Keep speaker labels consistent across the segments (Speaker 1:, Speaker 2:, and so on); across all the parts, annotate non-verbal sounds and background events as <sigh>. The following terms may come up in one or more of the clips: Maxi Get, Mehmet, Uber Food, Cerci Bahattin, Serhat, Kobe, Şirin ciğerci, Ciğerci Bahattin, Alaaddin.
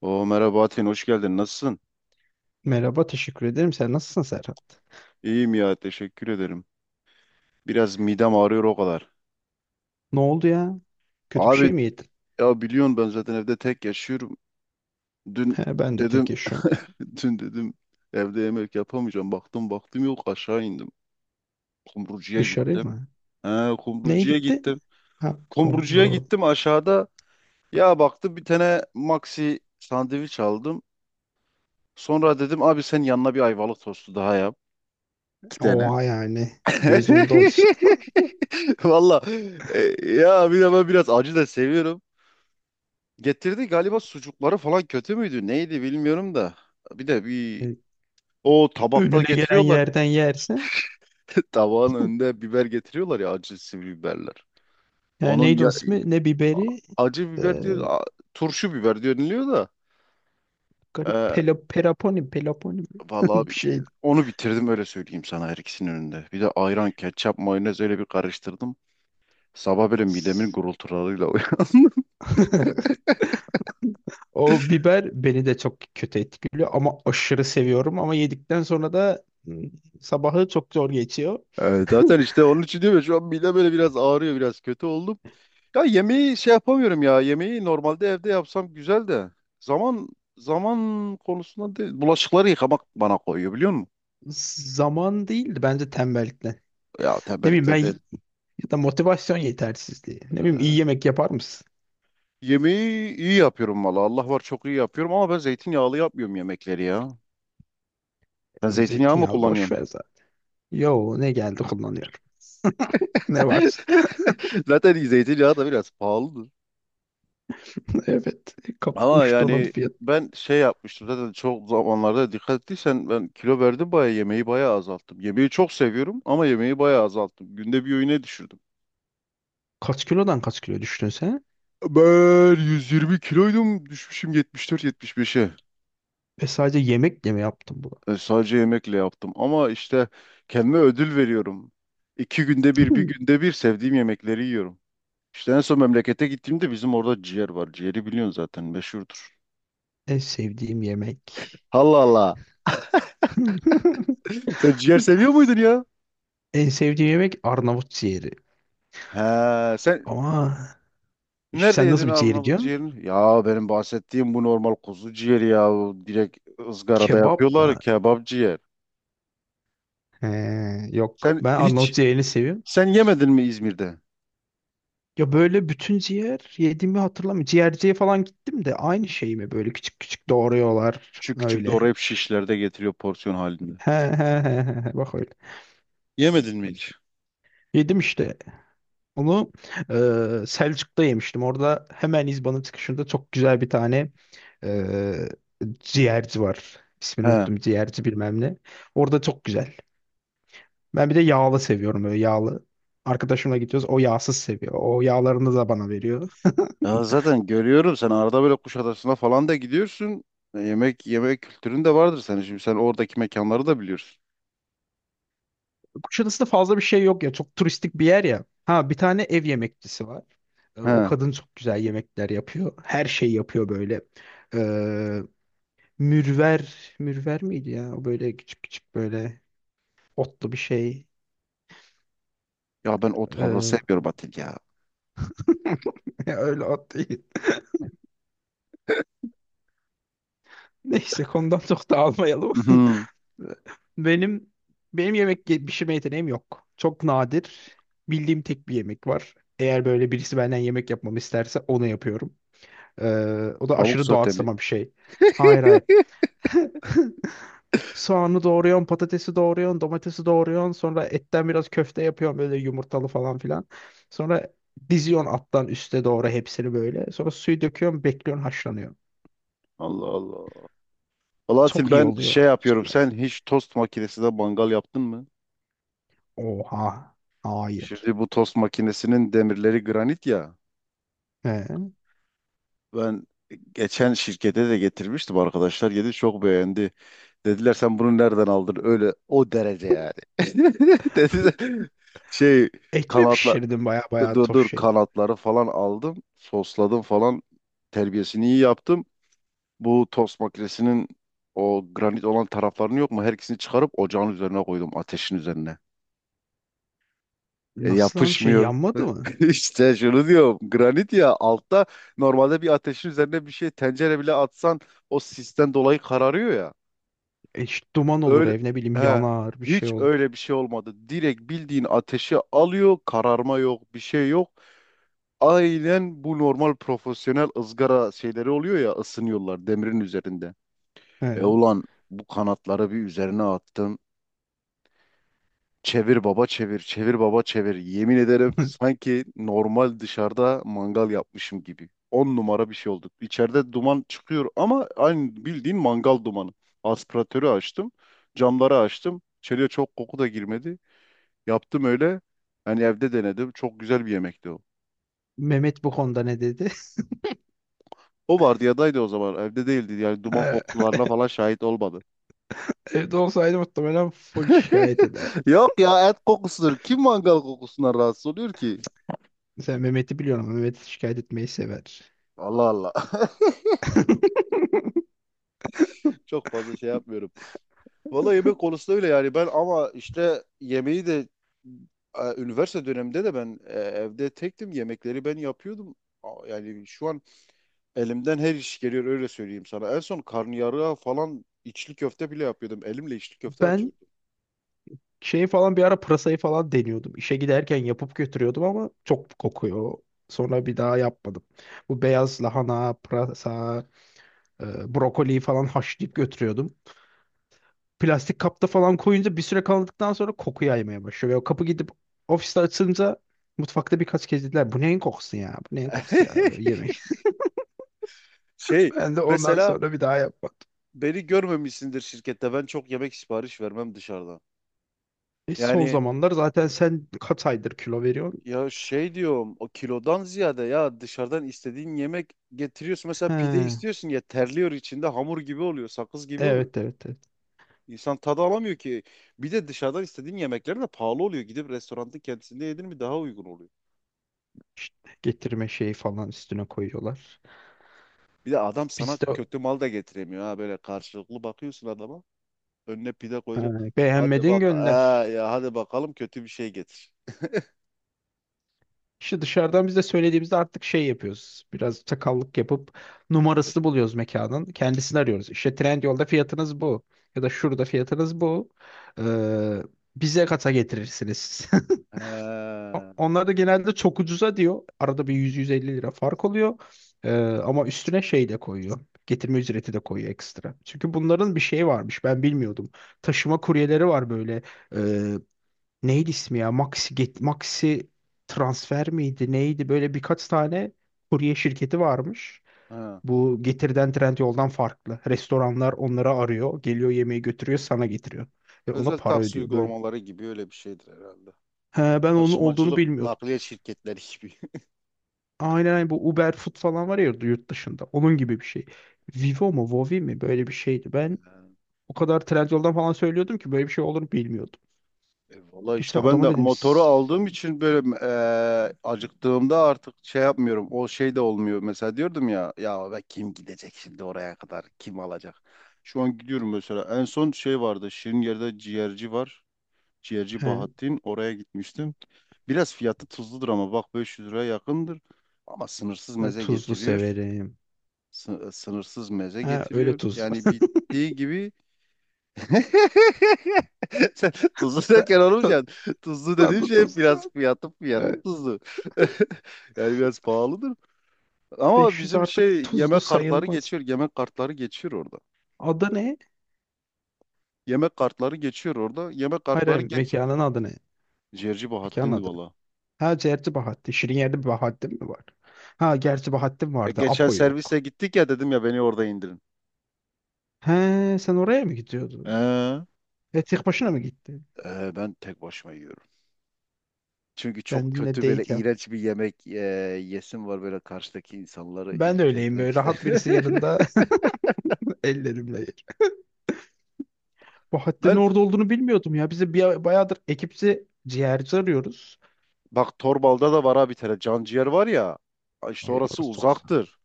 Speaker 1: Oo merhaba Atin, hoş geldin. Nasılsın?
Speaker 2: Merhaba, teşekkür ederim. Sen nasılsın Serhat?
Speaker 1: İyiyim ya, teşekkür ederim. Biraz midem ağrıyor o kadar.
Speaker 2: Ne oldu ya? Kötü bir şey
Speaker 1: Abi
Speaker 2: mi yedin?
Speaker 1: ya biliyorsun, ben zaten evde tek yaşıyorum. Dün
Speaker 2: He, ben de tek
Speaker 1: dedim
Speaker 2: yaşıyorum.
Speaker 1: <laughs> dün dedim evde yemek yapamayacağım. Baktım yok, aşağı indim. Kumrucuya
Speaker 2: Dışarı
Speaker 1: gittim.
Speaker 2: mı?
Speaker 1: He,
Speaker 2: Neye
Speaker 1: kumrucuya
Speaker 2: gitti?
Speaker 1: gittim.
Speaker 2: Ha,
Speaker 1: Kumrucuya
Speaker 2: kumru.
Speaker 1: gittim aşağıda. Ya baktım, bir tane maxi sandviç aldım. Sonra dedim abi sen yanına bir ayvalık tostu daha yap. İki tane.
Speaker 2: Oha yani. Gözün doysun.
Speaker 1: <laughs> <laughs> Valla e, ya bir de ben biraz acı da seviyorum. Getirdi, galiba sucukları falan kötü müydü? Neydi bilmiyorum da. Bir de bir
Speaker 2: E,
Speaker 1: o tabakta
Speaker 2: Önüne gelen
Speaker 1: getiriyorlar.
Speaker 2: yerden yersen.
Speaker 1: <laughs> Tabağın önünde biber getiriyorlar ya, acı sivri biberler.
Speaker 2: Ya
Speaker 1: Onun
Speaker 2: neydi
Speaker 1: ya,
Speaker 2: onun ismi? Ne biberi?
Speaker 1: acı
Speaker 2: E,
Speaker 1: biber diyor, turşu biber diyor, deniliyor da.
Speaker 2: Garip
Speaker 1: E,
Speaker 2: pelo, peraponi, peloponi mi?
Speaker 1: valla
Speaker 2: <laughs> bir
Speaker 1: bir-
Speaker 2: şeydi.
Speaker 1: onu bitirdim, öyle söyleyeyim sana, her ikisinin önünde. Bir de ayran, ketçap, mayonez öyle bir karıştırdım. Sabah böyle midemin gurultularıyla <laughs> uyandım.
Speaker 2: <laughs> O biber beni de çok kötü etkiliyor ama aşırı seviyorum ama yedikten sonra da sabahı çok zor geçiyor.
Speaker 1: Evet, zaten işte onun için diyorum ya, şu an midem böyle biraz ağrıyor, biraz kötü oldum. Ya yemeği şey yapamıyorum, ya yemeği normalde evde yapsam güzel de zaman zaman konusunda değil. Bulaşıkları yıkamak bana koyuyor, biliyor musun?
Speaker 2: Zaman değildi bence tembellikten.
Speaker 1: Ya
Speaker 2: Ne bileyim ben,
Speaker 1: tembellikten değil.
Speaker 2: ya da motivasyon yetersizliği. Ne bileyim, iyi
Speaker 1: Ee,
Speaker 2: yemek yapar mısın?
Speaker 1: yemeği iyi yapıyorum, valla Allah var, çok iyi yapıyorum ama ben zeytinyağlı yapmıyorum yemekleri ya. Sen zeytinyağı mı
Speaker 2: Zeytinyağlı boş
Speaker 1: kullanıyorsun?
Speaker 2: ver zaten. Yo, ne geldi kullanıyorum. Ne varsa. <laughs>
Speaker 1: <laughs> Zaten zeytinyağı da biraz pahalı.
Speaker 2: Evet. Kap
Speaker 1: Ama
Speaker 2: uçtu onun
Speaker 1: yani
Speaker 2: fiyatı.
Speaker 1: ben şey yapmıştım, zaten çok zamanlarda dikkat ettiysen, ben kilo verdim bayağı, yemeği bayağı azalttım. Yemeği çok seviyorum ama yemeği bayağı azalttım. Günde bir öğüne düşürdüm.
Speaker 2: Kaç kilodan kaç kilo düştün sen?
Speaker 1: Ben 120 kiloydum, düşmüşüm 74-75'e.
Speaker 2: Ve sadece yemekle mi yaptın bunu?
Speaker 1: E, sadece yemekle yaptım ama işte kendime ödül veriyorum. İki günde bir, bir
Speaker 2: Hmm.
Speaker 1: günde bir sevdiğim yemekleri yiyorum. İşte en son memlekete gittiğimde bizim orada ciğer var. Ciğeri biliyorsun zaten, meşhurdur.
Speaker 2: En sevdiğim yemek.
Speaker 1: Allah Allah.
Speaker 2: <laughs>
Speaker 1: <laughs> Sen ciğer seviyor muydun ya?
Speaker 2: En sevdiğim yemek Arnavut ciğeri.
Speaker 1: He, sen
Speaker 2: Ama işte
Speaker 1: nerede
Speaker 2: sen
Speaker 1: yedin
Speaker 2: nasıl bir ciğeri
Speaker 1: Arnavut
Speaker 2: diyorsun?
Speaker 1: ciğerini? Ya benim bahsettiğim bu normal kuzu ciğeri ya. Bu direkt ızgarada
Speaker 2: Kebap
Speaker 1: yapıyorlar,
Speaker 2: mı?
Speaker 1: kebap ciğer.
Speaker 2: He, yok.
Speaker 1: Sen
Speaker 2: Ben Arnavut
Speaker 1: hiç
Speaker 2: ciğerini seviyorum.
Speaker 1: sen yemedin mi İzmir'de?
Speaker 2: Ya böyle bütün ciğer yediğimi hatırlamıyorum. Ciğerciye falan gittim de aynı şey mi, böyle küçük küçük doğruyorlar
Speaker 1: Küçük küçük
Speaker 2: öyle.
Speaker 1: doğrayıp şişlerde getiriyor, porsiyon halinde.
Speaker 2: He he he he he. Bak öyle.
Speaker 1: Yemedin mi hiç?
Speaker 2: Yedim işte. Onu Selçuk'ta yemiştim. Orada hemen İzban'ın çıkışında çok güzel bir tane e, ciğerci var. İsmini
Speaker 1: He.
Speaker 2: unuttum. Ciğerci bilmem ne. Orada çok güzel. Ben bir de yağlı seviyorum, böyle yağlı. Arkadaşımla gidiyoruz. O yağsız seviyor. O yağlarını da bana veriyor.
Speaker 1: Ya zaten görüyorum, sen arada böyle Kuşadası'na falan da gidiyorsun. E, yemek yemek kültürün de vardır senin. Şimdi sen oradaki mekanları da biliyorsun.
Speaker 2: Kuşadası'nda fazla bir şey yok ya. Çok turistik bir yer ya. Ha, bir tane ev yemekçisi var. O
Speaker 1: He.
Speaker 2: kadın çok güzel yemekler yapıyor. Her şeyi yapıyor böyle. Ee, Mürver, mürver miydi ya? O böyle küçük küçük, böyle otlu bir şey.
Speaker 1: Ya ben ot fazla
Speaker 2: Ee,
Speaker 1: sevmiyorum Atil ya.
Speaker 2: <laughs> öyle ot değil. Neyse, konudan çok da almayalım.
Speaker 1: Hı hı.
Speaker 2: <laughs> Benim benim yemek pişirme yeteneğim yok. Çok nadir. Bildiğim tek bir yemek var. Eğer böyle birisi benden yemek yapmamı isterse onu yapıyorum. O da
Speaker 1: Tavuk
Speaker 2: aşırı
Speaker 1: sote mi?
Speaker 2: doğaçlama bir şey. Hayır hayır.
Speaker 1: <laughs>
Speaker 2: <laughs> Soğanı doğruyorsun, patatesi doğruyorsun, domatesi doğruyorsun. Sonra etten biraz köfte yapıyorsun, böyle yumurtalı falan filan. Sonra diziyorsun alttan üste doğru hepsini böyle. Sonra suyu döküyorsun, bekliyorsun, haşlanıyor.
Speaker 1: Allah Allah. Alaaddin,
Speaker 2: Çok iyi
Speaker 1: ben şey
Speaker 2: oluyor.
Speaker 1: yapıyorum.
Speaker 2: Sonra-
Speaker 1: Sen hiç tost makinesinde mangal yaptın mı?
Speaker 2: Oha. Hayır.
Speaker 1: Şimdi bu tost makinesinin demirleri granit ya.
Speaker 2: He.
Speaker 1: Ben geçen şirkete de getirmiştim arkadaşlar. Yedi, çok beğendi. Dediler sen bunu nereden aldın? Öyle o derece yani. <laughs> Dediler şey
Speaker 2: Et mi
Speaker 1: kanatla
Speaker 2: pişirdin baya baya
Speaker 1: dur
Speaker 2: tof
Speaker 1: dur,
Speaker 2: şey?
Speaker 1: kanatları falan aldım. Sosladım falan. Terbiyesini iyi yaptım. Bu tost makinesinin o granit olan taraflarını yok mu? Her ikisini çıkarıp ocağın üzerine koydum, ateşin üzerine. E,
Speaker 2: Nasıl lan şey,
Speaker 1: yapışmıyor.
Speaker 2: yanmadı mı?
Speaker 1: <laughs> İşte şunu diyorum. Granit ya altta, normalde bir ateşin üzerine bir şey, tencere bile atsan o sisten dolayı kararıyor ya.
Speaker 2: İşte duman olur,
Speaker 1: Öyle,
Speaker 2: ev ne bileyim
Speaker 1: he,
Speaker 2: yanar, bir şey
Speaker 1: hiç
Speaker 2: olur.
Speaker 1: öyle bir şey olmadı. Direkt bildiğin ateşi alıyor. Kararma yok, bir şey yok. Aynen, bu normal profesyonel ızgara şeyleri oluyor ya, ısınıyorlar demirin üzerinde. E
Speaker 2: He.
Speaker 1: ulan, bu kanatları bir üzerine attım. Çevir baba çevir, çevir baba çevir. Yemin ederim
Speaker 2: <laughs>
Speaker 1: sanki normal dışarıda mangal yapmışım gibi. On numara bir şey oldu. İçeride duman çıkıyor ama aynı bildiğin mangal dumanı. Aspiratörü açtım, camları açtım. İçeriye çok koku da girmedi. Yaptım öyle. Yani evde denedim. Çok güzel bir yemekti o.
Speaker 2: Mehmet bu konuda ne dedi?
Speaker 1: O vardiyadaydı o zaman. Evde değildi. Yani
Speaker 2: <laughs>
Speaker 1: duman
Speaker 2: He.
Speaker 1: kokularına falan şahit olmadı.
Speaker 2: Evde olsaydı muhtemelen full şikayet eder.
Speaker 1: <laughs> Yok ya, et kokusudur. Kim mangal kokusundan rahatsız oluyor ki?
Speaker 2: Sen Mehmet'i biliyorum. Mehmet şikayet etmeyi sever.
Speaker 1: Allah Allah. <laughs> Çok fazla şey yapmıyorum. Valla yemek konusunda öyle yani ben, ama işte yemeği de üniversite döneminde de ben evde tektim, yemekleri ben yapıyordum. Yani şu an elimden her iş geliyor, öyle söyleyeyim sana. En son karnıyarığa falan, içli köfte bile yapıyordum. Elimle içli köfte
Speaker 2: Ben
Speaker 1: açıyordum.
Speaker 2: şey falan, bir ara pırasayı falan deniyordum. İşe giderken yapıp götürüyordum ama çok kokuyor. Sonra bir daha yapmadım. Bu beyaz lahana, pırasa, brokoli falan haşlayıp götürüyordum. Plastik kapta falan koyunca bir süre kaldıktan sonra koku yaymaya başlıyor. Ve o kapı gidip ofiste açılınca mutfakta birkaç kez dediler bu neyin kokusu ya? Bu neyin kokusu ya? Böyle
Speaker 1: <laughs>
Speaker 2: yemek. <laughs>
Speaker 1: Şey
Speaker 2: Ben de ondan
Speaker 1: mesela
Speaker 2: sonra bir daha yapmadım.
Speaker 1: beni görmemişsindir şirkette, ben çok yemek sipariş vermem dışarıdan.
Speaker 2: Son
Speaker 1: Yani
Speaker 2: zamanlar zaten sen kaç aydır kilo veriyorsun?
Speaker 1: ya şey diyorum, o kilodan ziyade ya, dışarıdan istediğin yemek getiriyorsun. Mesela
Speaker 2: He,
Speaker 1: pide istiyorsun ya, terliyor içinde, hamur gibi oluyor, sakız gibi oluyor.
Speaker 2: evet evet evet.
Speaker 1: İnsan tadı alamıyor ki. Bir de dışarıdan istediğin yemekler de pahalı oluyor. Gidip restoranda kendisinde yedin mi daha uygun oluyor.
Speaker 2: İşte getirme şeyi falan üstüne koyuyorlar.
Speaker 1: Bir de adam sana
Speaker 2: Biz de
Speaker 1: kötü mal da getiremiyor ha, böyle karşılıklı bakıyorsun adama. Önüne pide
Speaker 2: he,
Speaker 1: koyacak. Hadi
Speaker 2: beğenmedin
Speaker 1: bak ha,
Speaker 2: gönder.
Speaker 1: ya hadi bakalım kötü bir şey getir.
Speaker 2: İşte dışarıdan biz de söylediğimizde artık şey yapıyoruz. Biraz çakallık yapıp numarasını buluyoruz mekanın. Kendisini arıyoruz. İşte Trendyol'da fiyatınız bu. Ya da şurada fiyatınız bu. Ee, Bize kata getirirsiniz. <laughs>
Speaker 1: He,
Speaker 2: Onlar da genelde çok ucuza diyor. Arada bir 100-150 lira fark oluyor. Ee, Ama üstüne şey de koyuyor. Getirme ücreti de koyuyor ekstra. Çünkü bunların bir şeyi varmış. Ben bilmiyordum. Taşıma kuryeleri var böyle. Ee, Neydi ismi ya? Maxi Get, Maxi transfer miydi? Neydi? Böyle birkaç tane kurye şirketi varmış.
Speaker 1: he.
Speaker 2: Bu Getir'den Trendyol'dan farklı. Restoranlar onları arıyor. Geliyor yemeği götürüyor, sana getiriyor. Ve ona
Speaker 1: Özel
Speaker 2: para
Speaker 1: taksi
Speaker 2: ödüyor böyle.
Speaker 1: uygulamaları gibi, öyle bir şeydir herhalde.
Speaker 2: He, ben onun olduğunu
Speaker 1: Taşımacılık
Speaker 2: bilmiyordum.
Speaker 1: nakliye şirketleri gibi. <laughs>
Speaker 2: Aynen aynen, bu Uber Food falan var ya yurt dışında. Onun gibi bir şey. Vivo mu Vovi mi, böyle bir şeydi. Ben o kadar Trendyol'dan falan söylüyordum ki böyle bir şey olduğunu bilmiyordum.
Speaker 1: E valla
Speaker 2: Geçen
Speaker 1: işte, ben
Speaker 2: adama
Speaker 1: de
Speaker 2: dedim
Speaker 1: motoru
Speaker 2: "S-
Speaker 1: aldığım için böyle acıktığımda artık şey yapmıyorum. O şey de olmuyor. Mesela diyordum ya, ya be kim gidecek şimdi oraya kadar? Kim alacak? Şu an gidiyorum mesela. En son şey vardı. Şirin ciğerci var. Ciğerci
Speaker 2: he,
Speaker 1: Bahattin. Oraya gitmiştim. Biraz fiyatı tuzludur ama bak, 500 liraya yakındır. Ama sınırsız
Speaker 2: ben
Speaker 1: meze
Speaker 2: tuzlu
Speaker 1: getiriyor.
Speaker 2: severim.
Speaker 1: Sınırsız meze
Speaker 2: He, öyle
Speaker 1: getiriyor.
Speaker 2: tuz.
Speaker 1: Yani bittiği gibi <laughs> sen tuzlu derken
Speaker 2: <laughs>
Speaker 1: olmuş
Speaker 2: Ta-
Speaker 1: yani. Tuzlu dediğim
Speaker 2: Tatlı
Speaker 1: şey, hep
Speaker 2: tuzlu
Speaker 1: biraz
Speaker 2: saat.
Speaker 1: fiyatı
Speaker 2: Evet.
Speaker 1: tuzlu. <laughs> Yani biraz pahalıdır. Ama
Speaker 2: 500
Speaker 1: bizim
Speaker 2: artık
Speaker 1: şey,
Speaker 2: tuzlu
Speaker 1: yemek kartları
Speaker 2: sayılmaz.
Speaker 1: geçiyor. Yemek kartları geçiyor orada.
Speaker 2: Adı ne?
Speaker 1: Yemek kartları geçiyor orada. Yemek
Speaker 2: Hayır, hayır,
Speaker 1: kartları geç.
Speaker 2: mekanın adı ne?
Speaker 1: Ciğerci
Speaker 2: Mekanın
Speaker 1: Bahattin'di
Speaker 2: adı ne?
Speaker 1: valla.
Speaker 2: Ha, Cerci Bahattin. Şirin yerde bir Bahattin mi var? Ha gerçi Bahattin
Speaker 1: E,
Speaker 2: vardı.
Speaker 1: geçen
Speaker 2: Apo
Speaker 1: servise
Speaker 2: yok.
Speaker 1: gittik ya, dedim ya beni orada indirin.
Speaker 2: He, sen oraya mı gidiyordun?
Speaker 1: Ee,
Speaker 2: E tek başına mı gittin?
Speaker 1: ben tek başıma yiyorum. Çünkü çok
Speaker 2: Kendinle
Speaker 1: kötü, böyle
Speaker 2: date yap.
Speaker 1: iğrenç bir yemek yesim var, böyle karşıdaki insanları
Speaker 2: Ben de
Speaker 1: irite
Speaker 2: öyleyim,
Speaker 1: etmek
Speaker 2: böyle
Speaker 1: ister.
Speaker 2: rahat birisi
Speaker 1: <laughs>
Speaker 2: yanında <laughs> ellerimle yer. Bahattin'in
Speaker 1: Ben
Speaker 2: orada olduğunu bilmiyordum ya. Bize bir, bayağıdır ekipçi ciğerci arıyoruz.
Speaker 1: Bak, Torbal'da da var abi, bir tane canciğer var ya. İşte
Speaker 2: Ay,
Speaker 1: orası
Speaker 2: orası çok saçma.
Speaker 1: uzaktır.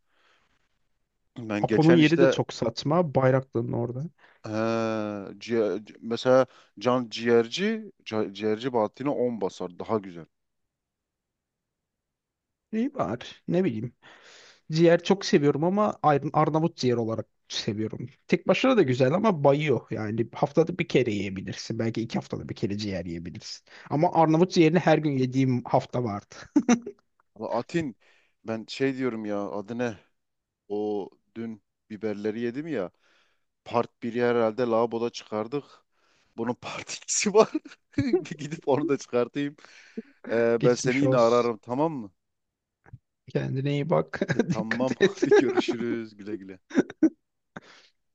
Speaker 1: Ben
Speaker 2: Apo'nun
Speaker 1: geçen
Speaker 2: yeri de
Speaker 1: işte
Speaker 2: çok saçma. Bayraklı'nın orada.
Speaker 1: he, mesela ciğerci Bahattin'e 10 basar daha güzel.
Speaker 2: İyi var. Ne bileyim. Ciğer çok seviyorum ama Arnavut ciğer olarak seviyorum. Tek başına da güzel ama bayıyor. Yani haftada bir kere yiyebilirsin. Belki iki haftada bir kere ciğer yiyebilirsin. Ama Arnavut ciğerini her gün yediğim hafta vardı. <laughs>
Speaker 1: Ama Atin, ben şey diyorum ya, adı ne? O dün biberleri yedim ya. Part biri herhalde laboda çıkardık. Bunun <laughs> part ikisi var. <laughs> Bir gidip onu da çıkartayım. Ben seni
Speaker 2: Geçmiş
Speaker 1: yine
Speaker 2: olsun.
Speaker 1: ararım, tamam mı?
Speaker 2: Kendine iyi bak.
Speaker 1: E,
Speaker 2: <laughs>
Speaker 1: tamam, <laughs>
Speaker 2: Dikkat et.
Speaker 1: hadi
Speaker 2: <laughs>
Speaker 1: görüşürüz, güle güle.